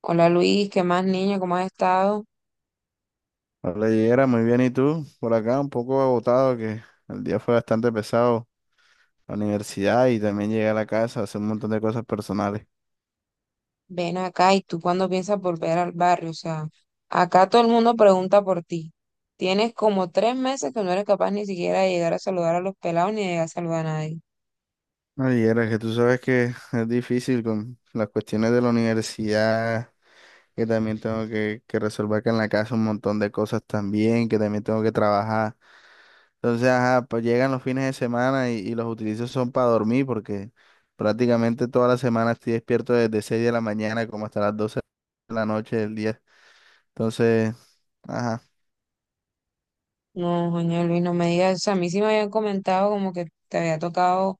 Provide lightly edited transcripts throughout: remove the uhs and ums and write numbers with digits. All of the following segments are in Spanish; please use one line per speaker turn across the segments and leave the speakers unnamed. Hola Luis, ¿qué más niño? ¿Cómo has estado?
Hola, Yera, muy bien. ¿Y tú? Por acá un poco agotado, que el día fue bastante pesado. La universidad y también llegué a la casa a hacer un montón de cosas personales.
Ven acá y tú cuándo piensas volver al barrio, o sea, acá todo el mundo pregunta por ti. Tienes como 3 meses que no eres capaz ni siquiera de llegar a saludar a los pelados ni de llegar a saludar a nadie.
Ay, Yera, que tú sabes que es difícil con las cuestiones de la universidad, que también tengo que resolver que en la casa un montón de cosas también, que también tengo que trabajar. Entonces, ajá, pues llegan los fines de semana y los utilizo son para dormir porque prácticamente toda la semana estoy despierto desde 6 de la mañana como hasta las 12 de la noche del día. Entonces… Ajá.
No, coño Luis, no me digas, o sea, a mí sí me habían comentado como que te había tocado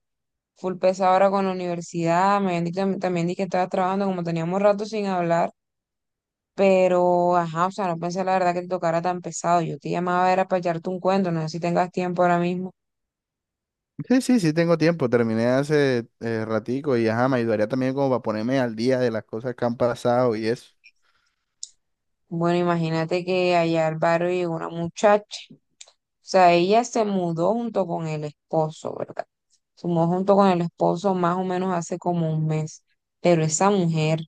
full pesado ahora con la universidad, me habían dicho también di que estabas trabajando, como teníamos rato sin hablar, pero ajá, o sea, no pensé la verdad que te tocara tan pesado. Yo te llamaba era para echarte un cuento, no sé si tengas tiempo ahora mismo.
Sí, sí, sí tengo tiempo. Terminé hace ratico y ajá, me ayudaría también como para ponerme al día de las cosas que han pasado y eso.
Bueno, imagínate que allá al barrio llegó una muchacha. O sea, ella se mudó junto con el esposo, ¿verdad? Se mudó junto con el esposo más o menos hace como un mes. Pero esa mujer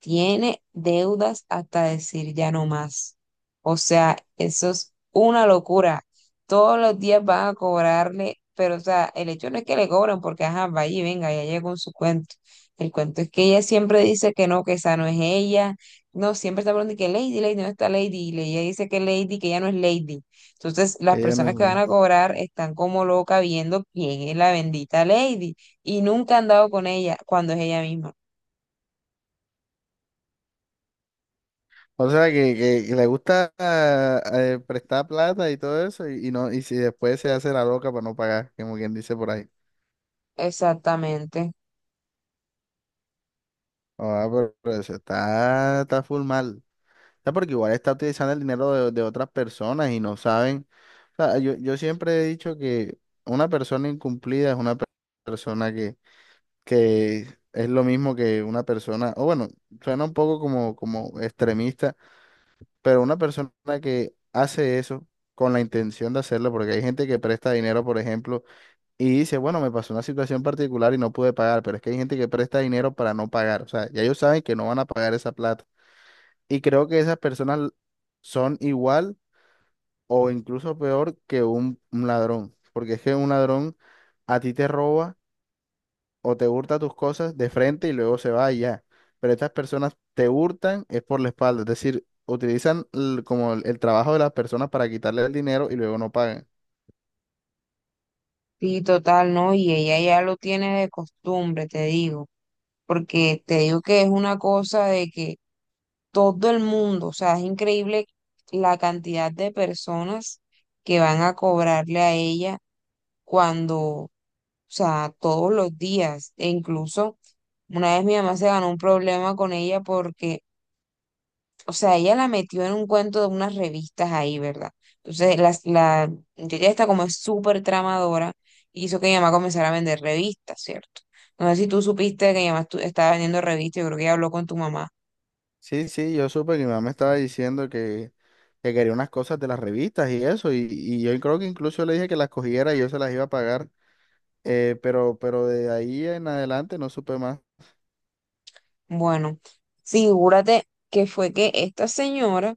tiene deudas hasta decir ya no más. O sea, eso es una locura. Todos los días van a cobrarle, pero o sea, el hecho no es que le cobran porque, ajá, vaya y venga, ya llegó con su cuento. El cuento es que ella siempre dice que no, que esa no es ella. No, siempre está hablando de que Lady, Lady no está Lady. Y ella dice que Lady, que ella no es Lady. Entonces, las
Que ella
personas
no
que van
le…
a cobrar están como locas viendo quién es la bendita Lady. Y nunca han dado con ella cuando es ella misma.
O sea, que, que le gusta prestar plata y todo eso y no y si después se hace la loca para no pagar, como quien dice por ahí.
Exactamente.
Ah, pero eso está full mal. O sea, porque igual está utilizando el dinero de otras personas y no saben. O sea, yo siempre he dicho que una persona incumplida es una persona que es lo mismo que una persona, o bueno, suena un poco como extremista, pero una persona que hace eso con la intención de hacerlo, porque hay gente que presta dinero, por ejemplo, y dice, bueno, me pasó una situación particular y no pude pagar, pero es que hay gente que presta dinero para no pagar, o sea, ya ellos saben que no van a pagar esa plata. Y creo que esas personas son igual o incluso peor que un ladrón, porque es que un ladrón a ti te roba o te hurta tus cosas de frente y luego se va y ya. Pero estas personas te hurtan es por la espalda, es decir, utilizan como el trabajo de las personas para quitarle el dinero y luego no pagan.
Sí, total, ¿no? Y ella ya lo tiene de costumbre, te digo, porque te digo que es una cosa de que todo el mundo, o sea, es increíble la cantidad de personas que van a cobrarle a ella cuando, o sea, todos los días, e incluso una vez mi mamá se ganó un problema con ella porque o sea, ella la metió en un cuento de unas revistas ahí, ¿verdad? Entonces, la muchacha está como es súper tramadora y hizo que mi mamá comenzara a vender revistas, ¿cierto? No sé si tú supiste que mi mamá estaba vendiendo revistas, yo creo que ella habló con tu mamá.
Sí, sí, yo supe que mi mamá me estaba diciendo que quería unas cosas de las revistas y eso, y yo creo que incluso le dije que las cogiera y yo se las iba a pagar, pero de ahí en adelante no supe más.
Bueno, figúrate que fue que esta señora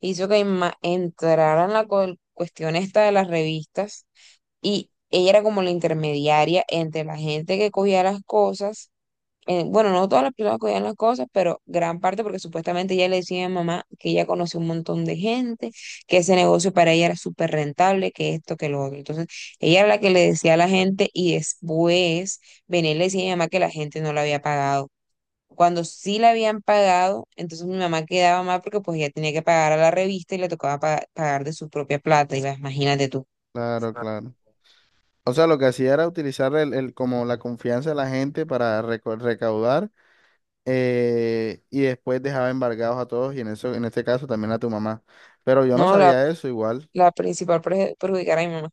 hizo que mi mamá entrara en la cuestión esta de las revistas y ella era como la intermediaria entre la gente que cogía las cosas bueno, no todas las personas cogían las cosas, pero gran parte porque supuestamente ella le decía a mamá que ella conoció un montón de gente, que ese negocio para ella era súper rentable, que esto, que lo otro. Entonces, ella era la que le decía a la gente y después venía y le decía a mi mamá que la gente no la había pagado. Cuando sí la habían pagado, entonces mi mamá quedaba mal porque pues ella tenía que pagar a la revista y le tocaba pagar de su propia plata, y las imagínate tú.
Claro, claro. O sea, lo que hacía era utilizar como la confianza de la gente para recaudar. Eh, y después dejaba embargados a todos y en eso, en este caso también a tu mamá. Pero yo
No,
no
la,
sabía eso igual.
la principal perjudicar a mi mamá.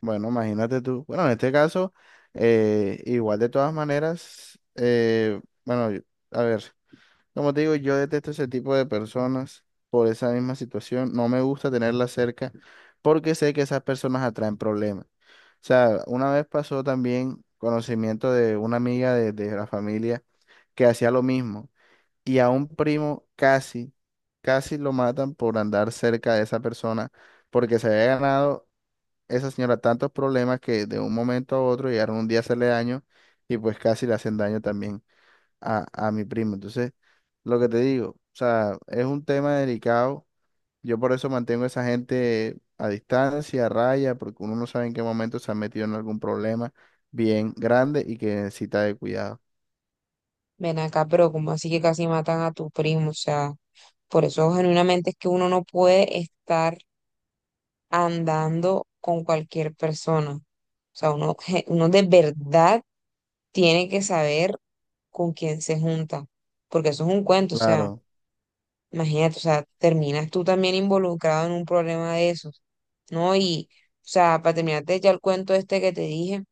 Bueno, imagínate tú. Bueno, en este caso, igual de todas maneras, bueno, a ver, como te digo, yo detesto ese tipo de personas por esa misma situación. No me gusta tenerlas cerca porque sé que esas personas atraen problemas. O sea, una vez pasó también conocimiento de una amiga de la familia que hacía lo mismo. Y a un primo casi, casi lo matan por andar cerca de esa persona, porque se había ganado esa señora tantos problemas que de un momento a otro llegaron un día a hacerle daño y pues casi le hacen daño también a mi primo. Entonces, lo que te digo, o sea, es un tema delicado. Yo por eso mantengo a esa gente a distancia, a raya, porque uno no sabe en qué momento se ha metido en algún problema bien grande y que necesita de cuidado.
Ven acá, pero como así que casi matan a tu primo, o sea. Por eso genuinamente es que uno no puede estar andando con cualquier persona. O sea, uno, uno de verdad tiene que saber con quién se junta, porque eso es un cuento. O sea,
Claro.
imagínate, o sea, terminas tú también involucrado en un problema de esos, ¿no? Y, o sea, para terminarte ya el cuento este que te dije,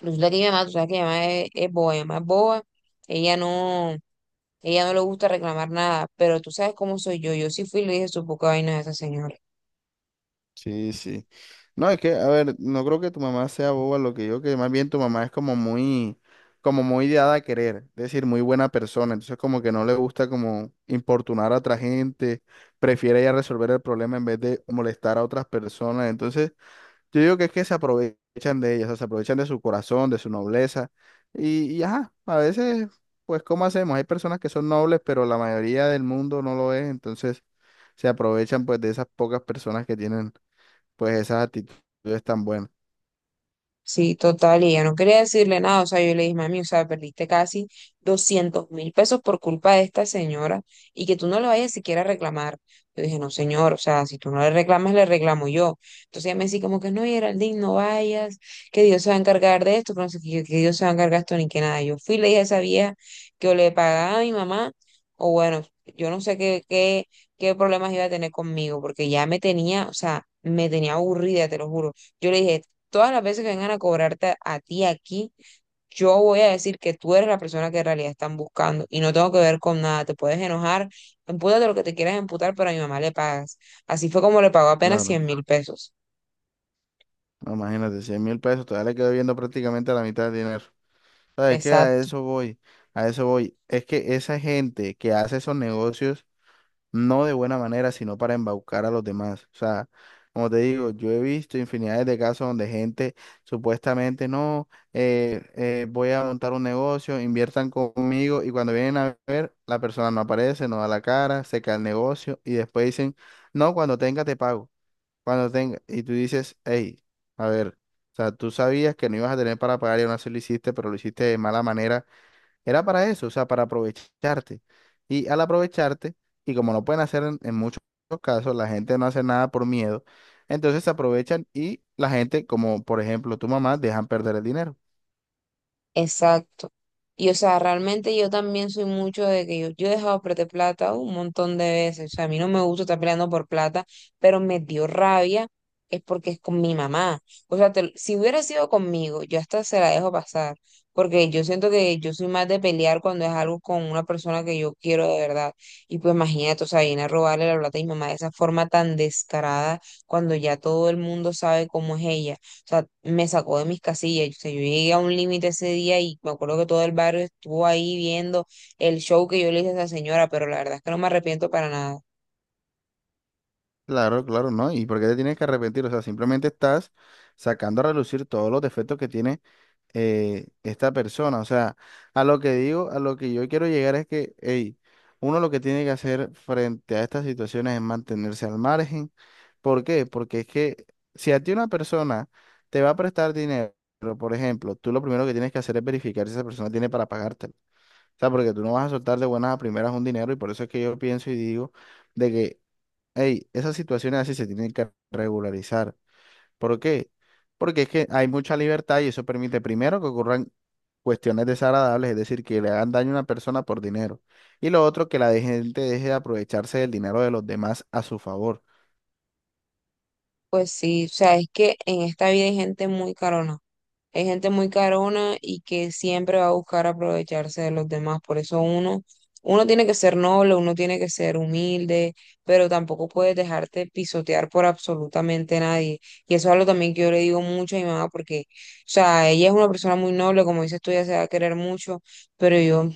resulta que mi mamá, tú sabes que mi mamá es boba, mi mamá es boba, ella no, ella no le gusta reclamar nada, pero tú sabes cómo soy yo. Yo sí fui y le dije su poca vaina a esa señora.
Sí, sí. No, es que, a ver, no creo que tu mamá sea boba lo que yo, que más bien tu mamá es como muy dada a querer, es decir, muy buena persona, entonces como que no le gusta como importunar a otra gente, prefiere ella resolver el problema en vez de molestar a otras personas, entonces yo digo que es que se aprovechan de ellas, o sea, se aprovechan de su corazón, de su nobleza, y ajá, a veces, pues, ¿cómo hacemos? Hay personas que son nobles, pero la mayoría del mundo no lo es, entonces se aprovechan pues de esas pocas personas que tienen pues esas actitudes tan buenas.
Sí, total, y yo no quería decirle nada, o sea, yo le dije, mami, o sea, perdiste casi 200.000 pesos por culpa de esta señora y que tú no le vayas siquiera a reclamar. Yo dije, no, señor, o sea, si tú no le reclamas, le reclamo yo. Entonces ella me decía como que no, Geraldine, no vayas, que Dios se va a encargar de esto, pero no sé qué, yo, que Dios se va a encargar de esto ni que nada. Yo fui y le dije a esa vieja que o le pagaba a mi mamá, o bueno, yo no sé qué problemas iba a tener conmigo, porque ya me tenía, o sea, me tenía aburrida, te lo juro. Yo le dije, todas las veces que vengan a cobrarte a ti aquí, yo voy a decir que tú eres la persona que en realidad están buscando y no tengo que ver con nada. Te puedes enojar, empútate lo que te quieras emputar, pero a mi mamá le pagas. Así fue como le pagó apenas
Claro,
100.000 pesos.
no, imagínate, 100.000 pesos, todavía le quedo viendo prácticamente la mitad del dinero. ¿Sabes qué? A
Exacto.
eso voy, a eso voy. Es que esa gente que hace esos negocios, no de buena manera, sino para embaucar a los demás. O sea, como te digo, yo he visto infinidades de casos donde gente supuestamente, no, voy a montar un negocio, inviertan conmigo y cuando vienen a ver, la persona no aparece, no da la cara, se cae el negocio y después dicen, no, cuando tenga te pago. Cuando tenga, y tú dices, hey, a ver, o sea, tú sabías que no ibas a tener para pagar y aún así lo hiciste, pero lo hiciste de mala manera, era para eso, o sea, para aprovecharte. Y al aprovecharte, y como no pueden hacer en muchos casos, la gente no hace nada por miedo, entonces se aprovechan y la gente, como por ejemplo tu mamá, dejan perder el dinero.
Exacto. Y o sea, realmente yo también soy mucho de que yo he dejado perder plata un montón de veces. O sea, a mí no me gusta estar peleando por plata, pero me dio rabia es porque es con mi mamá. O sea, si hubiera sido conmigo, yo hasta se la dejo pasar, porque yo siento que yo soy más de pelear cuando es algo con una persona que yo quiero de verdad. Y pues imagínate, o sea, viene a robarle la plata a mi mamá de esa forma tan descarada cuando ya todo el mundo sabe cómo es ella. O sea, me sacó de mis casillas. O sea, yo llegué a un límite ese día y me acuerdo que todo el barrio estuvo ahí viendo el show que yo le hice a esa señora, pero la verdad es que no me arrepiento para nada.
Claro, claro, ¿no? ¿Y por qué te tienes que arrepentir? O sea, simplemente estás sacando a relucir todos los defectos que tiene esta persona. O sea, a lo que digo, a lo que yo quiero llegar es que, hey, uno lo que tiene que hacer frente a estas situaciones es mantenerse al margen. ¿Por qué? Porque es que si a ti una persona te va a prestar dinero, por ejemplo, tú lo primero que tienes que hacer es verificar si esa persona tiene para pagártelo. O sea, porque tú no vas a soltar de buenas a primeras un dinero y por eso es que yo pienso y digo de que, hey, esas situaciones así se tienen que regularizar. ¿Por qué? Porque es que hay mucha libertad y eso permite primero que ocurran cuestiones desagradables, es decir, que le hagan daño a una persona por dinero. Y lo otro, que la gente deje de aprovecharse del dinero de los demás a su favor.
Pues sí, o sea, es que en esta vida hay gente muy carona. Hay gente muy carona y que siempre va a buscar aprovecharse de los demás. Por eso uno, uno tiene que ser noble, uno tiene que ser humilde, pero tampoco puedes dejarte pisotear por absolutamente nadie. Y eso es algo también que yo le digo mucho a mi mamá, porque, o sea, ella es una persona muy noble, como dices tú, ella se va a querer mucho, pero yo, o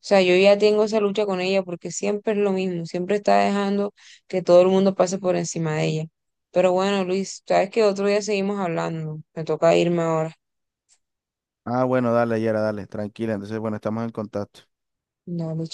sea, yo ya tengo esa lucha con ella porque siempre es lo mismo, siempre está dejando que todo el mundo pase por encima de ella. Pero bueno, Luis, sabes que otro día seguimos hablando. Me toca irme ahora.
Ah, bueno, dale, Yera, dale, tranquila. Entonces, bueno, estamos en contacto.
No, mi